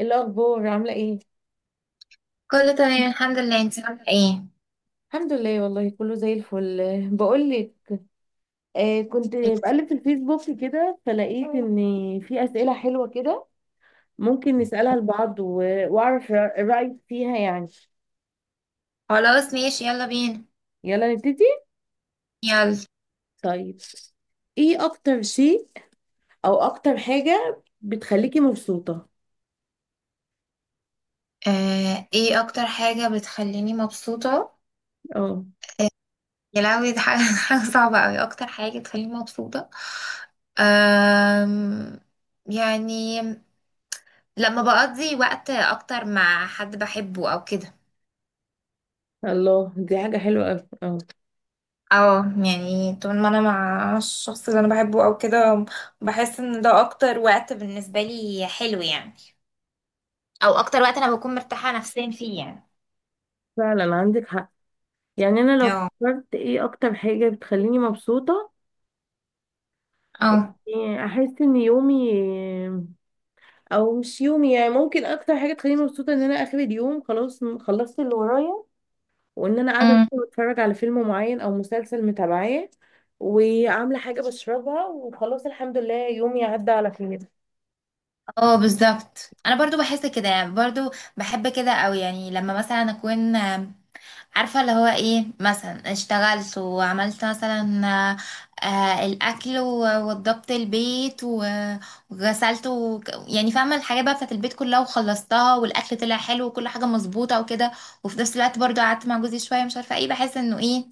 إيه الأخبار عاملة ايه؟ كله تمام الحمد لله. انت عامله ايه؟ الحمد لله والله، كله زي الفل. بقولك، آه كنت بقلب في الفيسبوك كده فلقيت ان في أسئلة حلوة كده، ممكن نسألها لبعض وأعرف رأيك فيها يعني. خلاص ماشي، يلا بينا. يلا نبتدي. يلا. طيب، ايه أكتر شيء أو أكتر حاجة بتخليكي مبسوطة؟ ايه اكتر حاجه بتخليني مبسوطه؟ اه. آه. يا لهوي، دي حاجه حاجه صعبه قوي. اكتر حاجه بتخليني مبسوطه، آم يعني لما بقضي وقت اكتر مع حد بحبه او كده. الله، دي حاجة حلوة أوي، اه. اه. يعني طول ما انا مع الشخص اللي انا بحبه او كده، بحس ان ده اكتر وقت بالنسبه لي حلو يعني، او اكتر وقت انا بكون مرتاحه نفسيا فيه يعني. فعلا عندك حق. يعني أنا لو اه. فكرت ايه أكتر حاجة بتخليني مبسوطة، اه. احس ان يومي، او مش يومي يعني، ممكن اكتر حاجه تخليني مبسوطه ان انا اخر اليوم خلاص خلصت اللي ورايا، وان انا قاعده أمم. مثلا بتفرج على فيلم معين او مسلسل متابعاه، وعامله حاجه بشربها، وخلاص الحمد لله يومي عدى على خير. اه، بالظبط. انا برضو بحس كده يعني، برضو بحب كده، او يعني لما مثلا اكون، عارفه اللي هو ايه، مثلا اشتغلت وعملت مثلا، الاكل ووضبت البيت وغسلت يعني فاهمه الحاجات بقى بتاعت البيت كلها وخلصتها، والاكل طلع حلو وكل حاجه مظبوطه وكده. وفي نفس الوقت برضو قعدت مع جوزي شويه، مش عارفه ايه، بحس انه ايه،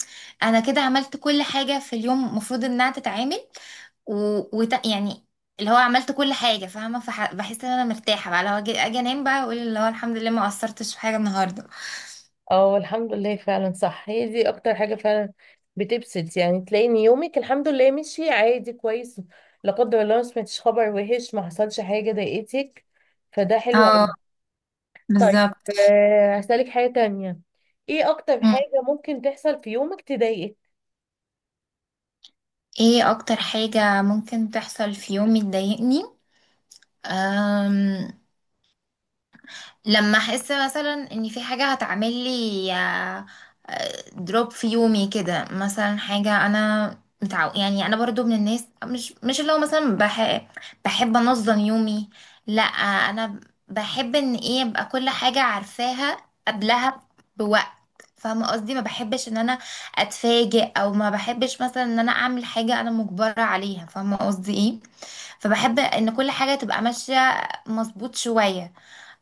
انا كده عملت كل حاجه في اليوم المفروض انها تتعمل، و... يعني اللي هو عملت كل حاجة فاهمة، بحس ان انا مرتاحة بقى. لو اجي انام بقى، اقول اللي هو الحمد لله ما قصرتش في حاجة النهاردة. اه الحمد لله. فعلا صح، هي دي اكتر حاجه فعلا بتبسط، يعني تلاقي ان يومك الحمد لله مشي عادي كويس، لا قدر الله ما سمعتش خبر وحش، ما حصلش حاجه ضايقتك، فده حلو. اه طيب، بالظبط. هسألك حاجة تانية. ايه اكتر مم. حاجة ممكن تحصل في يومك تضايقك؟ ايه اكتر حاجة ممكن تحصل في يومي تضايقني؟ أم... لما احس مثلا ان في حاجه هتعمل لي دروب في يومي كده، مثلا حاجه انا متعو، يعني انا برضو من الناس مش اللي هو مثلا بحب انظم يومي. لا، انا بحب ان ايه ابقى كل حاجه عارفاها قبلها بوقت. فاهمه قصدي، ما بحبش ان انا اتفاجئ، او ما بحبش مثلا ان انا اعمل حاجه انا مجبره عليها، فاهمه قصدي ايه. فبحب ان كل حاجه تبقى ماشيه مظبوط شويه.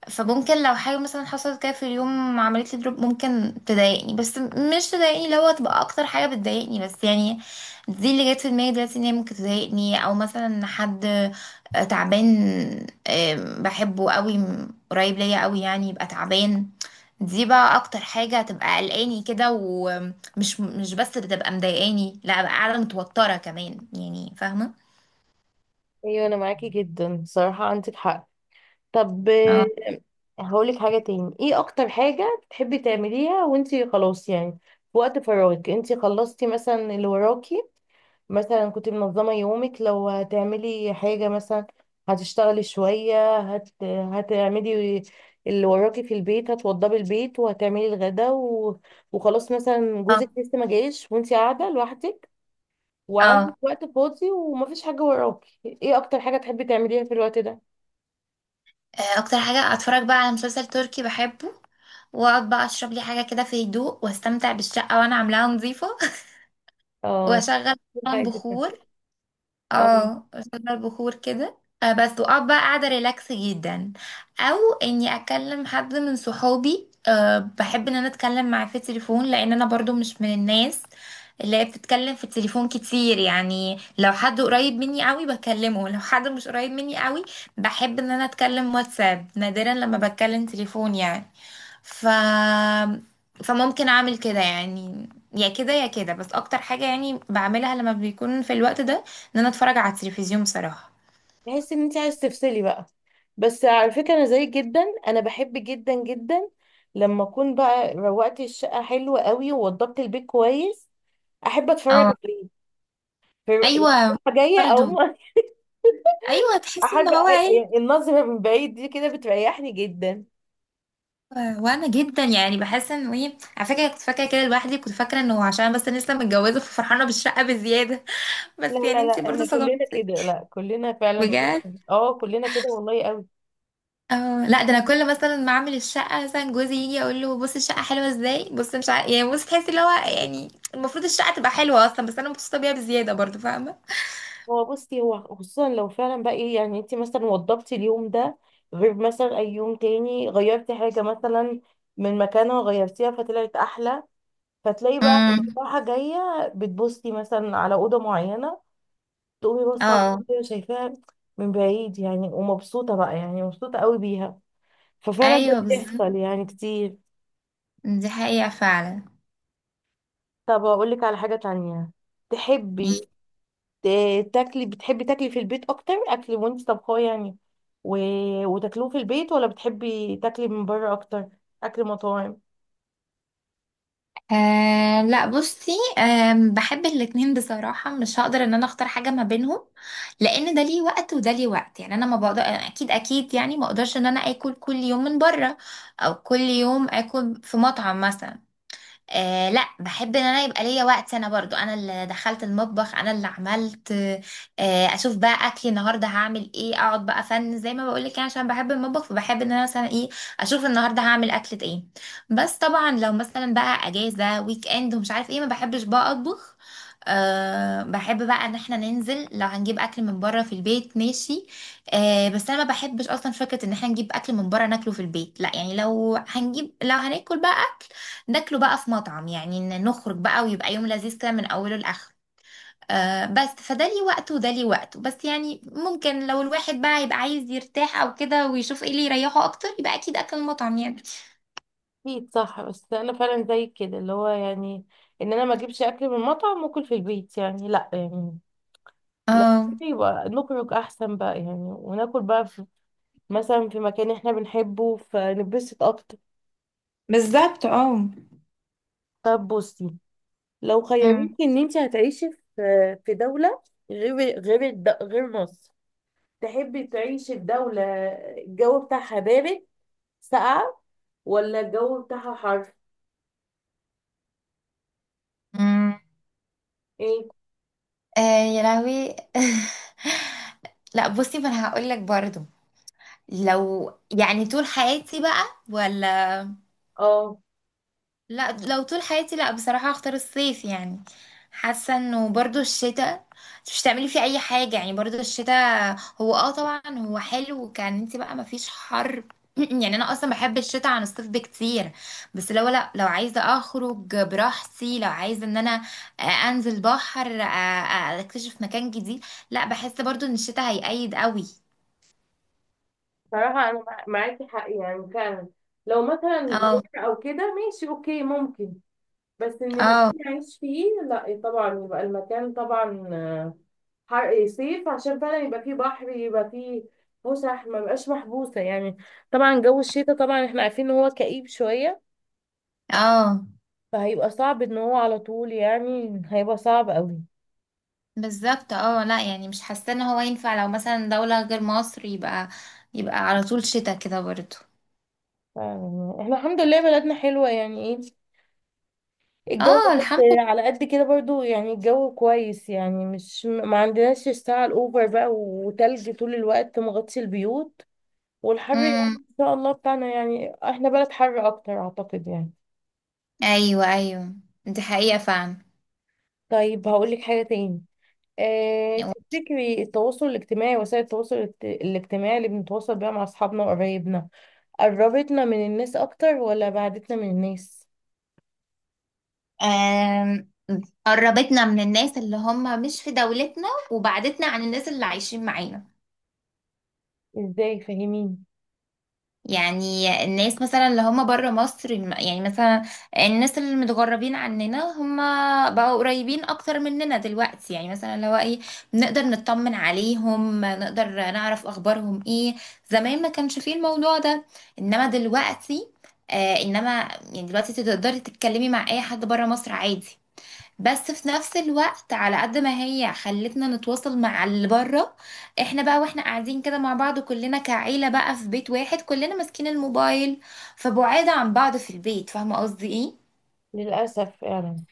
فممكن لو حاجة مثلا حصلت كده في اليوم، عملت لي دروب ممكن تضايقني، بس مش تضايقني اللي هو تبقى اكتر حاجة بتضايقني، بس يعني دي اللي جت في دماغي دلوقتي ان هي ممكن تضايقني. او مثلا حد تعبان، بحبه قوي، قريب ليا قوي يعني، يبقى تعبان. دي بقى اكتر حاجة هتبقى قلقاني كده، ومش مش بس بتبقى مضايقاني، لا بقى قاعدة متوترة كمان يعني، فاهمة. ايوه، انا معاكي جدا، صراحة عندك حق. طب، اه. هقولك حاجة تاني. ايه اكتر حاجة بتحبي تعمليها وانتي خلاص يعني في وقت فراغك، انتي خلصتي مثلا اللي وراكي؟ مثلا كنت منظمة يومك، لو هتعملي حاجة مثلا، هتشتغلي شوية، هتعملي اللي وراكي في البيت، هتوضبي البيت وهتعملي الغدا وخلاص، مثلا اه. جوزك لسه ما جايش وانتي قاعدة لوحدك وعندك آه. وقت فاضي ومفيش حاجة وراكي، ايه اكتر حاجة تحبي تعمليها في الوقت ده؟ اكتر حاجة اتفرج بقى على مسلسل تركي بحبه. واقعد بقى اشرب لي حاجه كده في هدوء، واستمتع بالشقه وانا عاملاها نظيفه. اه، واشغل في طبعاً حاجة. بخور. اه، قصاد البخور كده. بس واقعد بقى قاعده ريلاكس جدا. او اني اكلم حد من صحابي. بحب ان انا اتكلم معاه في التليفون، لان انا برضو مش من الناس اللي هي بتتكلم في التليفون كتير يعني. لو حد قريب مني قوي بكلمه، لو حد مش قريب مني قوي بحب ان انا اتكلم واتساب، نادرا لما بتكلم تليفون يعني. ف فممكن اعمل كده يعني، يا كده يا كده. بس اكتر حاجة يعني بعملها لما بيكون في الوقت ده ان انا اتفرج على التلفزيون بصراحه. تحس ان انت عايز تفصلي بقى. بس على فكره، انا زيك جدا. انا بحب جدا جدا لما اكون بقى روقت الشقه حلوه قوي ووضبت البيت كويس، احب اتفرج اه. عليه. يعني، ايوه. رايحة جايه، او برضو. ايوه، تحس ان احب هو ايه. يعني النظره من بعيد دي كده بتريحني جدا. وانا جدا يعني بحس انه ايه، على فكره كنت فاكره كده لوحدي، كنت فاكره انه عشان بس أنا لسه متجوزه ففرحانه بالشقه بزياده. لا بس يعني لا لا، انتي احنا برضو كلنا صدمتي. كده، لا كلنا فعلا. بجد. اه كلنا كده والله قوي. اه، لا ده انا كل مثلا ما اعمل الشقه مثلا، جوزي يجي اقول له بص الشقه حلوه ازاي، بص مش عارف يعني، بص تحسي اللي هو يعني، المفروض الشقه تبقى حلوه اصلا، بس انا مبسوطه بيها بزياده برضو، فاهمه. هو بصي، هو خصوصا لو فعلا بقى ايه يعني، انت مثلا وضبتي اليوم ده غير مثلا اي يوم تاني، غيرتي حاجة مثلا من مكانها غيرتيها فطلعت احلى، فتلاقي بقى امم. راحة جاية، بتبصي مثلا على أوضة معينة، تقومي بصي على اه. الأوضة شايفاها من بعيد يعني، ومبسوطة بقى يعني، مبسوطة قوي بيها. ففعلا ده ايوه، بالظبط. بيحصل يعني كتير. دي حقيقه فعلا. طب أقول لك على حاجة تانية. تحبي تاكلي، بتحبي تاكلي في البيت اكتر اكل وانت طبخاه يعني، و... وتاكلوه في البيت، ولا بتحبي تاكلي من بره اكتر، اكل مطاعم؟ أه، لا بصي. أه، بحب الاتنين بصراحة، مش هقدر ان انا اختار حاجة ما بينهم، لان ده ليه وقت وده ليه وقت يعني. انا ما بقدر، اكيد اكيد يعني ما اقدرش ان انا اكل كل يوم من بره، او كل يوم اكل في مطعم مثلا. لا، بحب ان انا يبقى ليا وقت، انا برضو انا اللي دخلت المطبخ انا اللي عملت. اشوف بقى اكلي النهارده هعمل ايه، اقعد بقى فن زي ما بقولك يعني، عشان بحب المطبخ، فبحب ان انا مثلا ايه اشوف النهارده هعمل اكلة ايه. بس طبعا لو مثلا بقى اجازة ويك اند ومش عارف ايه، ما بحبش بقى اطبخ. بحب بقى ان احنا ننزل. لو هنجيب اكل من بره في البيت ماشي. بس انا ما بحبش اصلا فكره ان احنا نجيب اكل من بره ناكله في البيت، لا يعني. لو هنجيب، لو هناكل بقى ناكله بقى في مطعم يعني، إن نخرج بقى ويبقى يوم لذيذ كده من أوله لآخره. بس فده ليه وقته وده ليه وقته. بس يعني ممكن لو الواحد بقى يبقى عايز يرتاح أو كده، ويشوف إيه اللي يريحه أكتر، يبقى أكيد أكل المطعم يعني. اكيد صح. بس انا فعلا زي كده اللي هو يعني، ان انا ما اجيبش اكل من مطعم واكل في البيت، يعني لا يعني، لو اه كده يبقى نخرج احسن بقى يعني، وناكل بقى في مثلا في مكان احنا بنحبه، فنتبسط اكتر. بالظبط. اه. طب بصي، لو مم. خيروكي ان انت هتعيشي في دولة غير مصر، تحبي تعيشي في دولة الجو بتاعها بارد، ساقعة، ولا الجو بتاعها حر؟ مم. ايه آه، يا لهوي. لا بصي، ما انا هقول لك برضو، لو يعني طول حياتي بقى، ولا، اه. لا، لو طول حياتي، لا بصراحة هختار الصيف يعني. حاسة انه برضو الشتاء مش تعملي فيه اي حاجة يعني. برضو الشتاء هو، طبعا هو حلو كان انت بقى مفيش حر، يعني انا اصلا بحب الشتاء عن الصيف بكتير. بس لو، لا لو عايزة اخرج براحتي، لو عايزة ان انا انزل بحر، اكتشف مكان جديد، لا بحس برضو ان الشتاء هيقيد قوي. صراحة انا معاكي حق يعني فعلا، لو مثلا اه. زيارة او كده ماشي اوكي ممكن، بس ان اه. مكان اعيش فيه لا. إيه طبعا، يبقى المكان طبعا حر، صيف، عشان فعلا يبقى فيه بحر، يبقى فيه فسح، ما بقاش محبوسة يعني. طبعا جو الشتاء طبعا احنا عارفين ان هو كئيب شوية، اه، فهيبقى صعب ان هو على طول يعني، هيبقى صعب قوي. بالظبط. اه، لا يعني مش حاسه ان هو ينفع لو مثلا دوله غير مصر، يبقى على طول شتاء كده برضه. احنا الحمد لله بلدنا حلوة يعني ايه، الجو اه بجد. الحمد لله. على قد كده برضو يعني، الجو كويس يعني، مش ما عندناش الساعة الأوفر بقى وتلج طول الوقت مغطي البيوت، والحر يعني امم. ان شاء الله بتاعنا يعني، احنا بلد حر اكتر اعتقد يعني. ايوه، ايوه. دي حقيقه فعلا. طيب، هقولك حاجة تاني. اه تفتكري التواصل الاجتماعي، وسائل التواصل الاجتماعي اللي بنتواصل بيها مع اصحابنا وقرايبنا، قربتنا من الناس اكتر ولا بعدتنا من الناس؟ آم، قربتنا من الناس اللي هم مش في دولتنا وبعدتنا عن الناس اللي عايشين معانا. ازاي فاهمين؟ يعني الناس مثلا اللي هم بره مصر يعني، مثلا الناس اللي متغربين عننا، هم بقوا قريبين اكتر مننا دلوقتي، يعني مثلا لو ايه نقدر نطمن عليهم، نقدر نعرف اخبارهم ايه. زمان ما كانش فيه الموضوع ده، انما دلوقتي، انما يعني دلوقتي تقدري تتكلمي مع اي حد بره مصر عادي. بس في نفس الوقت، على قد ما هي خلتنا نتواصل مع اللي بره، احنا بقى واحنا قاعدين كده مع بعض كلنا كعيلة بقى في بيت واحد، كلنا ماسكين الموبايل، فبعاد عن بعض في البيت، فاهمة قصدي ايه. للأسف يعني.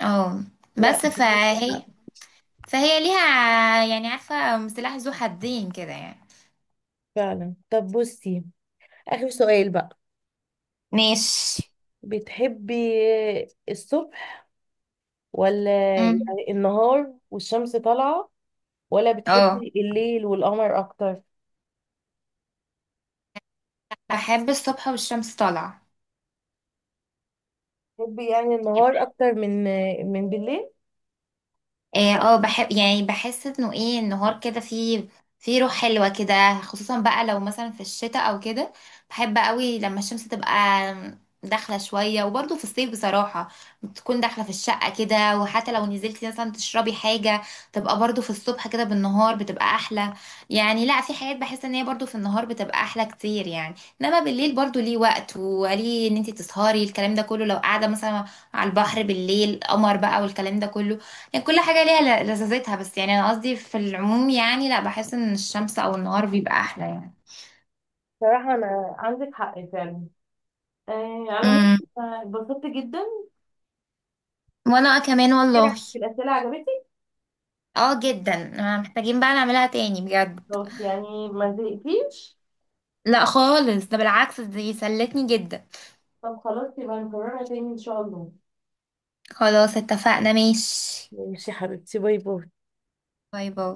اه، لا بس انت عندك فهي حق فهي ليها يعني، عارفة، سلاح ذو حدين كده يعني. فعلا. طب بصي، اخر سؤال بقى. ماشي. بتحبي الصبح، ولا امم. يعني النهار والشمس طالعة، ولا اه، بتحبي الليل والقمر اكتر؟ بحب الصبح والشمس طالعة. بتحبي يعني النهار اكتر من بالليل؟ اه، بحب يعني، بحس انه ايه النهار كده فيه روح حلوة كده، خصوصا بقى لو مثلا في الشتاء او كده بحب قوي لما الشمس تبقى داخلة شوية. وبرضه في الصيف بصراحة بتكون داخلة في الشقة كده، وحتى لو نزلتي مثلا تشربي حاجة تبقى برضه في الصبح كده. بالنهار بتبقى احلى يعني، لا في حاجات بحس ان هي برضه في النهار بتبقى احلى كتير يعني. انما بالليل برضه ليه وقت، وليه ان انت تسهري، الكلام ده كله لو قاعدة مثلا على البحر بالليل قمر بقى والكلام ده كله. يعني كل حاجة ليها لذاذتها. بس يعني أنا قصدي في العموم يعني، لا بحس إن الشمس أو النهار بيبقى أحلى يعني. صراحة انا عندك حق فعلا. على مود امم. اتبسطت جدا وانا كمان كتير. والله. في الاسئلة عجبتك؟ اه جدا. محتاجين بقى نعملها تاني بجد. خلاص يعني ما زهقتيش؟ لا خالص، ده بالعكس دي سلتني جدا. طب خلاص، يبقى نكررها تاني ان شاء الله. خلاص، اتفقنا، ماشي. ماشي يا حبيبتي، باي باي. باي باي.